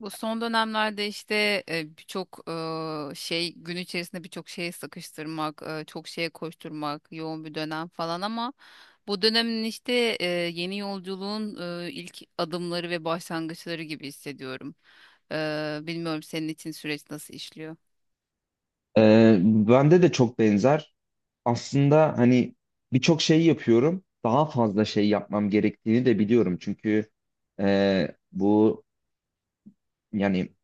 Bu son dönemlerde işte birçok şey gün içerisinde birçok şeye sıkıştırmak, çok şeye koşturmak, yoğun bir dönem falan ama bu dönemin işte yeni yolculuğun ilk adımları ve başlangıçları gibi hissediyorum. Bilmiyorum senin için süreç nasıl işliyor? Bende de çok benzer. Aslında hani birçok şey yapıyorum. Daha fazla şey yapmam gerektiğini de biliyorum. Çünkü bu yani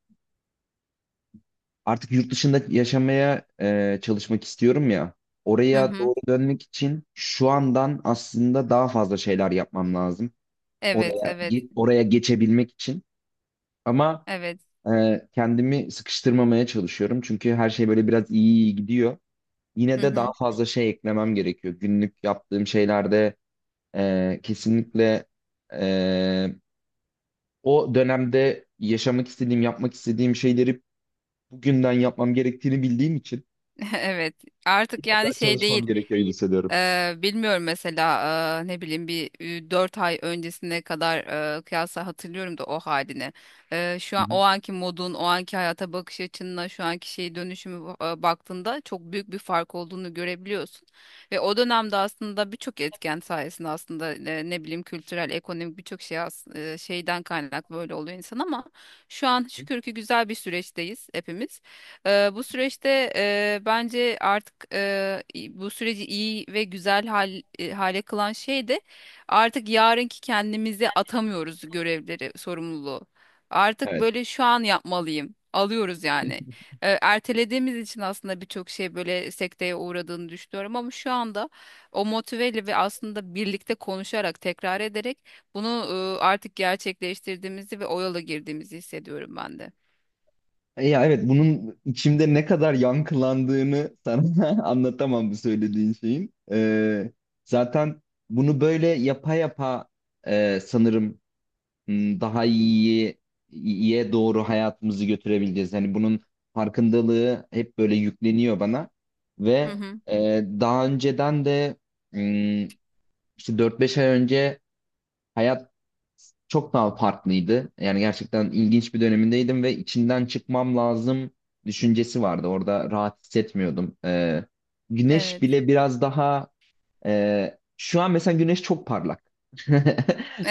artık yurt dışında yaşamaya, çalışmak istiyorum ya. Hı Oraya hı. doğru dönmek için şu andan aslında daha fazla şeyler yapmam lazım. Evet, evet, Oraya geçebilmek için. Ama evet. Kendimi sıkıştırmamaya çalışıyorum. Çünkü her şey böyle biraz iyi iyi gidiyor. Yine Hı de hı. daha fazla şey eklemem gerekiyor. Günlük yaptığım şeylerde kesinlikle, e, o dönemde yaşamak istediğim, yapmak istediğim şeyleri bugünden yapmam gerektiğini bildiğim için Evet. Artık biraz daha yani şey çalışmam değil. gerekiyor hissediyorum. Bilmiyorum mesela ne bileyim bir 4 ay öncesine kadar kıyasla hatırlıyorum da o halini. Şu Hı an hı. o anki modun, o anki hayata bakış açınla şu anki şey dönüşümü baktığında çok büyük bir fark olduğunu görebiliyorsun. Ve o dönemde aslında birçok etken sayesinde aslında ne bileyim kültürel, ekonomik birçok şey şeyden kaynaklı böyle oluyor insan ama şu an şükür ki güzel bir süreçteyiz hepimiz. Bu süreçte bence artık bu süreci iyi ve güzel hale kılan şey de artık yarınki kendimizi atamıyoruz görevleri, sorumluluğu. Artık Evet. böyle şu an yapmalıyım. Alıyoruz yani. Ertelediğimiz için aslında birçok şey böyle sekteye uğradığını düşünüyorum ama şu anda o motiveyle ve aslında birlikte konuşarak, tekrar ederek bunu artık gerçekleştirdiğimizi ve o yola girdiğimizi hissediyorum ben de. Ya evet, bunun içimde ne kadar yankılandığını sana anlatamam, bu söylediğin şeyin. Zaten bunu böyle yapa yapa, sanırım, daha iyiye, iyiye doğru hayatımızı götürebileceğiz. Hani bunun farkındalığı hep böyle yükleniyor bana Hı ve hı. Daha önceden de, m, işte 4-5 ay önce hayat çok daha farklıydı. Yani gerçekten ilginç bir dönemindeydim ve içinden çıkmam lazım düşüncesi vardı. Orada rahat hissetmiyordum. Güneş Evet. bile biraz daha, şu an mesela güneş çok parlak.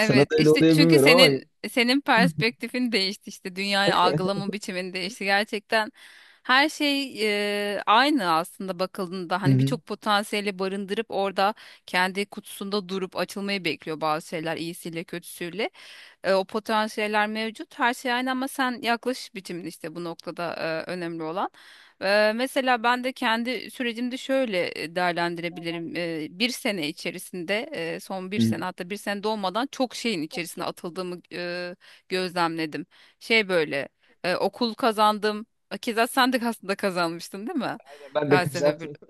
Sana da öyle işte oluyor çünkü bilmiyorum ama. senin perspektifin değişti işte dünyayı algılama biçimin değişti gerçekten her şey aynı aslında bakıldığında Hı hani hı. birçok potansiyeli barındırıp orada kendi kutusunda durup açılmayı bekliyor bazı şeyler iyisiyle kötüsüyle. O potansiyeller mevcut. Her şey aynı ama sen yaklaş biçimin işte bu noktada önemli olan. Mesela ben de kendi sürecimde şöyle değerlendirebilirim. Bir sene içerisinde, son bir Hı sene hı. hatta bir sene dolmadan çok şeyin içerisine atıldığımı gözlemledim. Şey böyle okul kazandım. Keza sen de aslında kazanmıştın değil mi? Aynen ben de Felsefe kızartayım. bölümü.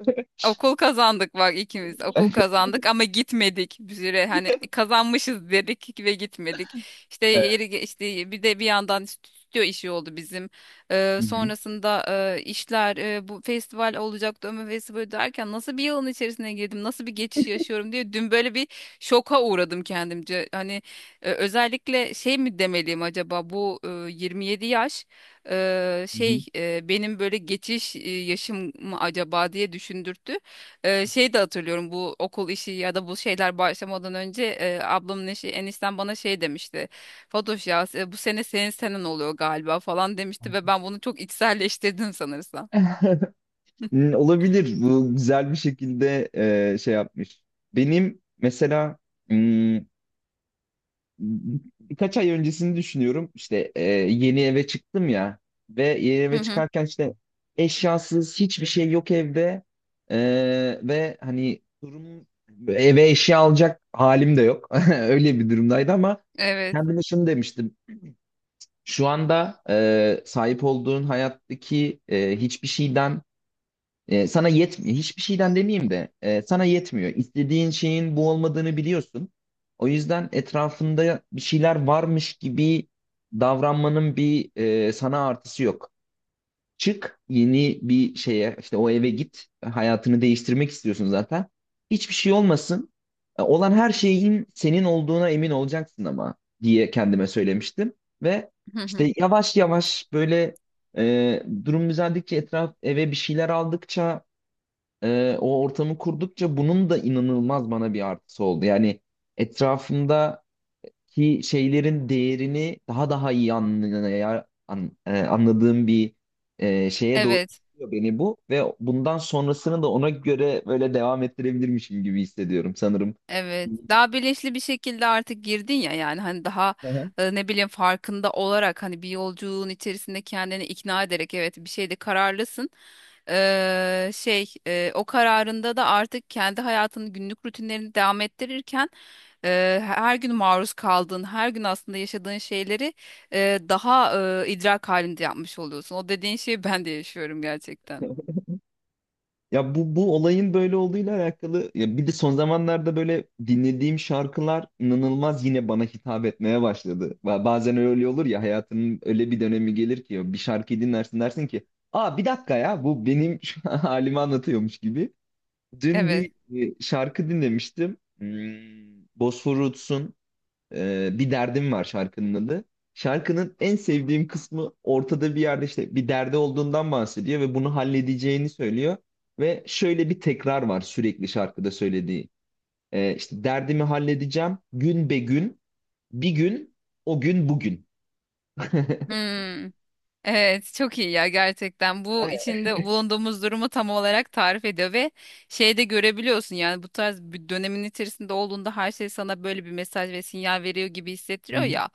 Okul kazandık bak ikimiz okul kazandık ama gitmedik bir süre hani kazanmışız dedik ve gitmedik işte Evet. Bir de bir yandan stüdyo işi oldu bizim. Ee, Hı hı. sonrasında işler bu festival olacaktı Ömür Festivali derken nasıl bir yılın içerisine girdim nasıl bir geçiş yaşıyorum diye dün böyle bir şoka uğradım kendimce hani özellikle şey mi demeliyim acaba bu 27 yaş Hı hı. şey benim böyle geçiş yaşım mı acaba diye düşündürttü. Şey de hatırlıyorum bu okul işi ya da bu şeyler başlamadan önce ablamın eşi enişten bana şey demişti. Fatoş ya bu sene senin senen oluyor galiba falan demişti ve ben bunu çok içselleştirdim sanırsam. Olabilir. Bu güzel bir şekilde şey yapmış. Benim mesela, hmm, birkaç ay öncesini düşünüyorum. İşte yeni eve çıktım ya ve yeni Hı eve hı. çıkarken işte eşyasız hiçbir şey yok evde. E, Ve hani durum, eve eşya alacak halim de yok. Öyle bir durumdaydı ama Evet. kendime şunu demiştim. Şu anda sahip olduğun hayattaki hiçbir şeyden, sana yetmiyor. Hiçbir şeyden demeyeyim de sana yetmiyor. İstediğin şeyin bu olmadığını biliyorsun. O yüzden etrafında bir şeyler varmış gibi davranmanın bir, sana artısı yok. Çık yeni bir şeye, işte o eve git, hayatını değiştirmek istiyorsun zaten. Hiçbir şey olmasın. Olan her şeyin senin olduğuna emin olacaksın ama diye kendime söylemiştim. Ve Hı hı. işte yavaş yavaş böyle durum düzeldikçe, etraf eve bir şeyler aldıkça, o ortamı kurdukça, bunun da inanılmaz bana bir artısı oldu. Yani etrafımda ki şeylerin değerini daha daha iyi anladığım bir, şeye doğru Evet. gidiyor beni bu ve bundan sonrasını da ona göre böyle devam ettirebilirmişim gibi hissediyorum sanırım. Evet, daha bilinçli bir şekilde artık girdin ya yani hani daha Hı hı. Ne bileyim farkında olarak hani bir yolculuğun içerisinde kendini ikna ederek evet bir şeyde kararlısın. Şey o kararında da artık kendi hayatının günlük rutinlerini devam ettirirken her gün maruz kaldığın, her gün aslında yaşadığın şeyleri daha idrak halinde yapmış oluyorsun. O dediğin şeyi ben de yaşıyorum gerçekten. Ya, bu olayın böyle olduğuyla alakalı, ya bir de son zamanlarda böyle dinlediğim şarkılar inanılmaz yine bana hitap etmeye başladı. Bazen öyle olur ya, hayatının öyle bir dönemi gelir ki bir şarkıyı dinlersin, dersin ki, aa bir dakika ya, bu benim şu an halimi anlatıyormuş gibi. Dün Evet. bir şarkı dinlemiştim. Bosfor Roots'un Bir Derdim Var şarkının adı. Şarkının en sevdiğim kısmı ortada bir yerde işte bir derdi olduğundan bahsediyor ve bunu halledeceğini söylüyor. Ve şöyle bir tekrar var sürekli şarkıda söylediği. İşte derdimi halledeceğim gün be gün, bir gün, o gün bugün. Hmm. Evet, çok iyi ya gerçekten. Bu Aynen. içinde bulunduğumuz durumu tam olarak tarif ediyor ve şeyde görebiliyorsun yani bu tarz bir dönemin içerisinde olduğunda her şey sana böyle bir mesaj ve sinyal veriyor gibi Hı hissettiriyor hı, ya.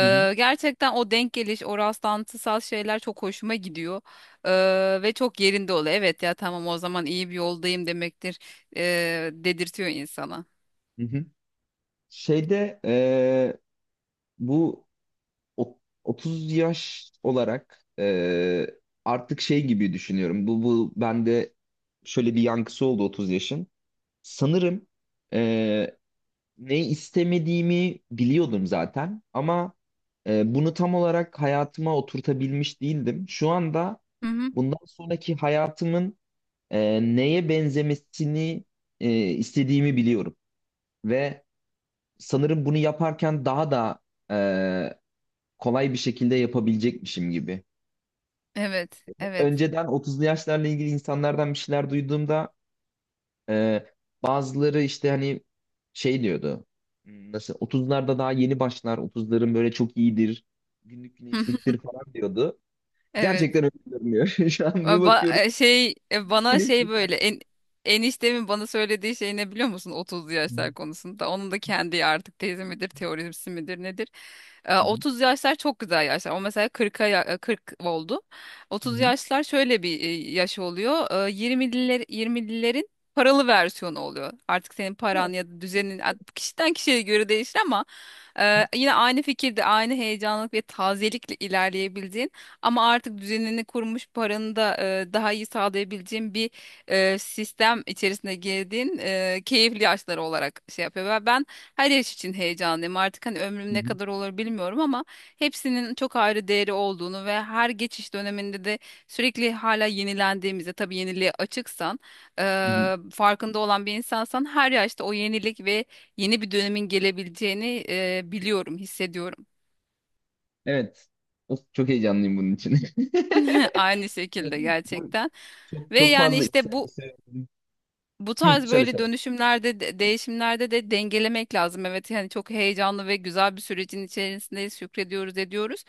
hı hı, gerçekten o denk geliş, o rastlantısal şeyler çok hoşuma gidiyor. Ve çok yerinde oluyor. Evet ya tamam o zaman iyi bir yoldayım demektir dedirtiyor insana. hı hı. Şeyde bu o- 30 yaş olarak, artık şey gibi düşünüyorum. Bu bende şöyle bir yankısı oldu 30 yaşın. Sanırım e, ne istemediğimi biliyordum zaten ama bunu tam olarak hayatıma oturtabilmiş değildim. Şu anda Hı hı. bundan sonraki hayatımın neye benzemesini, istediğimi biliyorum. Ve sanırım bunu yaparken daha da e, kolay bir şekilde yapabilecekmişim gibi. Evet, evet. Önceden 30'lu yaşlarla ilgili insanlardan bir şeyler duyduğumda, e, bazıları işte hani şey diyordu: Nasıl, 30'larda daha yeni başlar, otuzların böyle çok iyidir, günlük güneşliktir" falan diyordu. Evet. Gerçekten öyle görünüyor. Şu an bir Ba ba- bakıyorum, e, şey e, bana şey güneşlik her böyle şey. en eniştemin bana söylediği şey ne biliyor musun 30'lu Hı yaşlar konusunda? Onun da kendi artık tezi midir, teorisi midir nedir? Hı, 30 yaşlar çok güzel yaşlar. O mesela 40 oldu. hı 30 hı, yaşlar şöyle bir yaş oluyor. 20'lilerin paralı versiyonu oluyor. Artık senin paran ya da düzenin kişiden kişiye göre değişir ama hı yine aynı fikirde, aynı heyecanlık ve tazelikle ilerleyebildiğin ama artık düzenini kurmuş paranı da daha iyi sağlayabileceğin bir sistem içerisine girdiğin keyifli yaşları olarak şey yapıyor. Ve ben her yaş için heyecanlıyım. Artık hani ömrüm ne hı, kadar olur bilmiyorum ama hepsinin çok ayrı değeri olduğunu ve her geçiş döneminde de sürekli hala yenilendiğimizde tabii yeniliğe açıksan e, hı hı. farkında olan bir insansan her yaşta o yenilik ve yeni bir dönemin gelebileceğini biliyorum, hissediyorum. Evet. Of, çok heyecanlıyım bunun için. Aynı Evet, şekilde bu gerçekten. çok Ve çok yani fazla. işte Söyle, bu söyle. bu Hı, tarz söyle böyle söyle. dönüşümlerde, değişimlerde de dengelemek lazım. Evet yani çok heyecanlı ve güzel bir sürecin içerisindeyiz, şükrediyoruz, ediyoruz.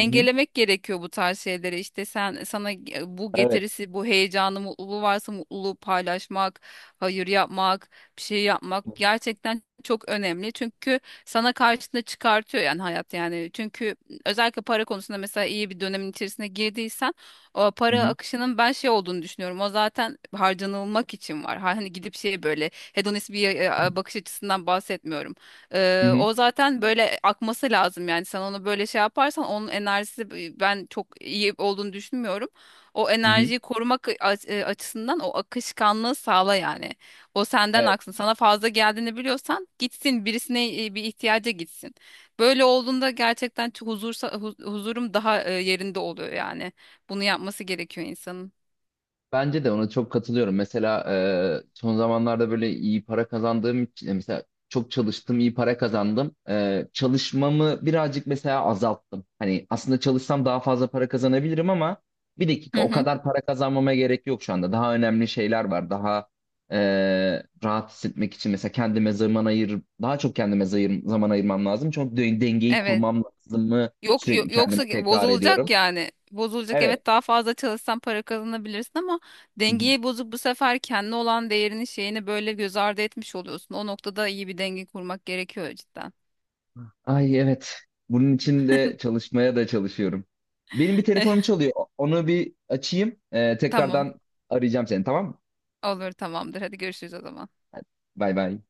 Hı hı. gerekiyor bu tarz şeyleri. İşte bu Evet. getirisi, bu heyecanı, mutluluğu varsa mutluluğu paylaşmak, hayır yapmak, bir şey Hı yapmak gerçekten çok önemli. Çünkü sana karşına çıkartıyor yani hayat yani. Çünkü özellikle para konusunda mesela iyi bir dönemin içerisine girdiysen o para hı. akışının ben şey olduğunu düşünüyorum. O zaten harcanılmak için var. Hani gidip şey böyle hedonist bir bakış açısından bahsetmiyorum. Hı Ee, hı. o zaten böyle akması lazım yani sen onu böyle şey yaparsan onun enerjisi ben çok iyi olduğunu düşünmüyorum. O Hı hı. enerjiyi korumak açısından o akışkanlığı sağla yani. O senden Evet. aksın. Sana fazla geldiğini biliyorsan gitsin birisine bir ihtiyaca gitsin. Böyle olduğunda gerçekten çok huzursa, huzurum daha yerinde oluyor yani. Bunu yapması gerekiyor insanın. Bence de ona çok katılıyorum. Mesela son zamanlarda böyle iyi para kazandığım için, mesela çok çalıştım, iyi para kazandım. Çalışmamı birazcık mesela azalttım. Hani aslında çalışsam daha fazla para kazanabilirim ama, bir Hı dakika, o hı. kadar para kazanmama gerek yok şu anda. Daha önemli şeyler var. Daha e, rahat hissetmek için mesela kendime zaman ayır, daha çok kendime zaman ayırmam lazım. Çok dengeyi Evet. kurmam lazım mı Yok, yo- sürekli yoksa kendime tekrar ediyorum. bozulacak yani. Bozulacak Evet. evet daha fazla çalışsan para kazanabilirsin ama dengeyi bozup bu sefer kendi olan değerini şeyini böyle göz ardı etmiş oluyorsun. O noktada iyi bir denge kurmak gerekiyor cidden. Ay evet. Bunun için de çalışmaya da çalışıyorum. Benim bir telefonum çalıyor. Onu bir açayım. Tamam Tekrardan arayacağım seni, tamam mı? olur tamamdır hadi görüşürüz o zaman. Bay bay.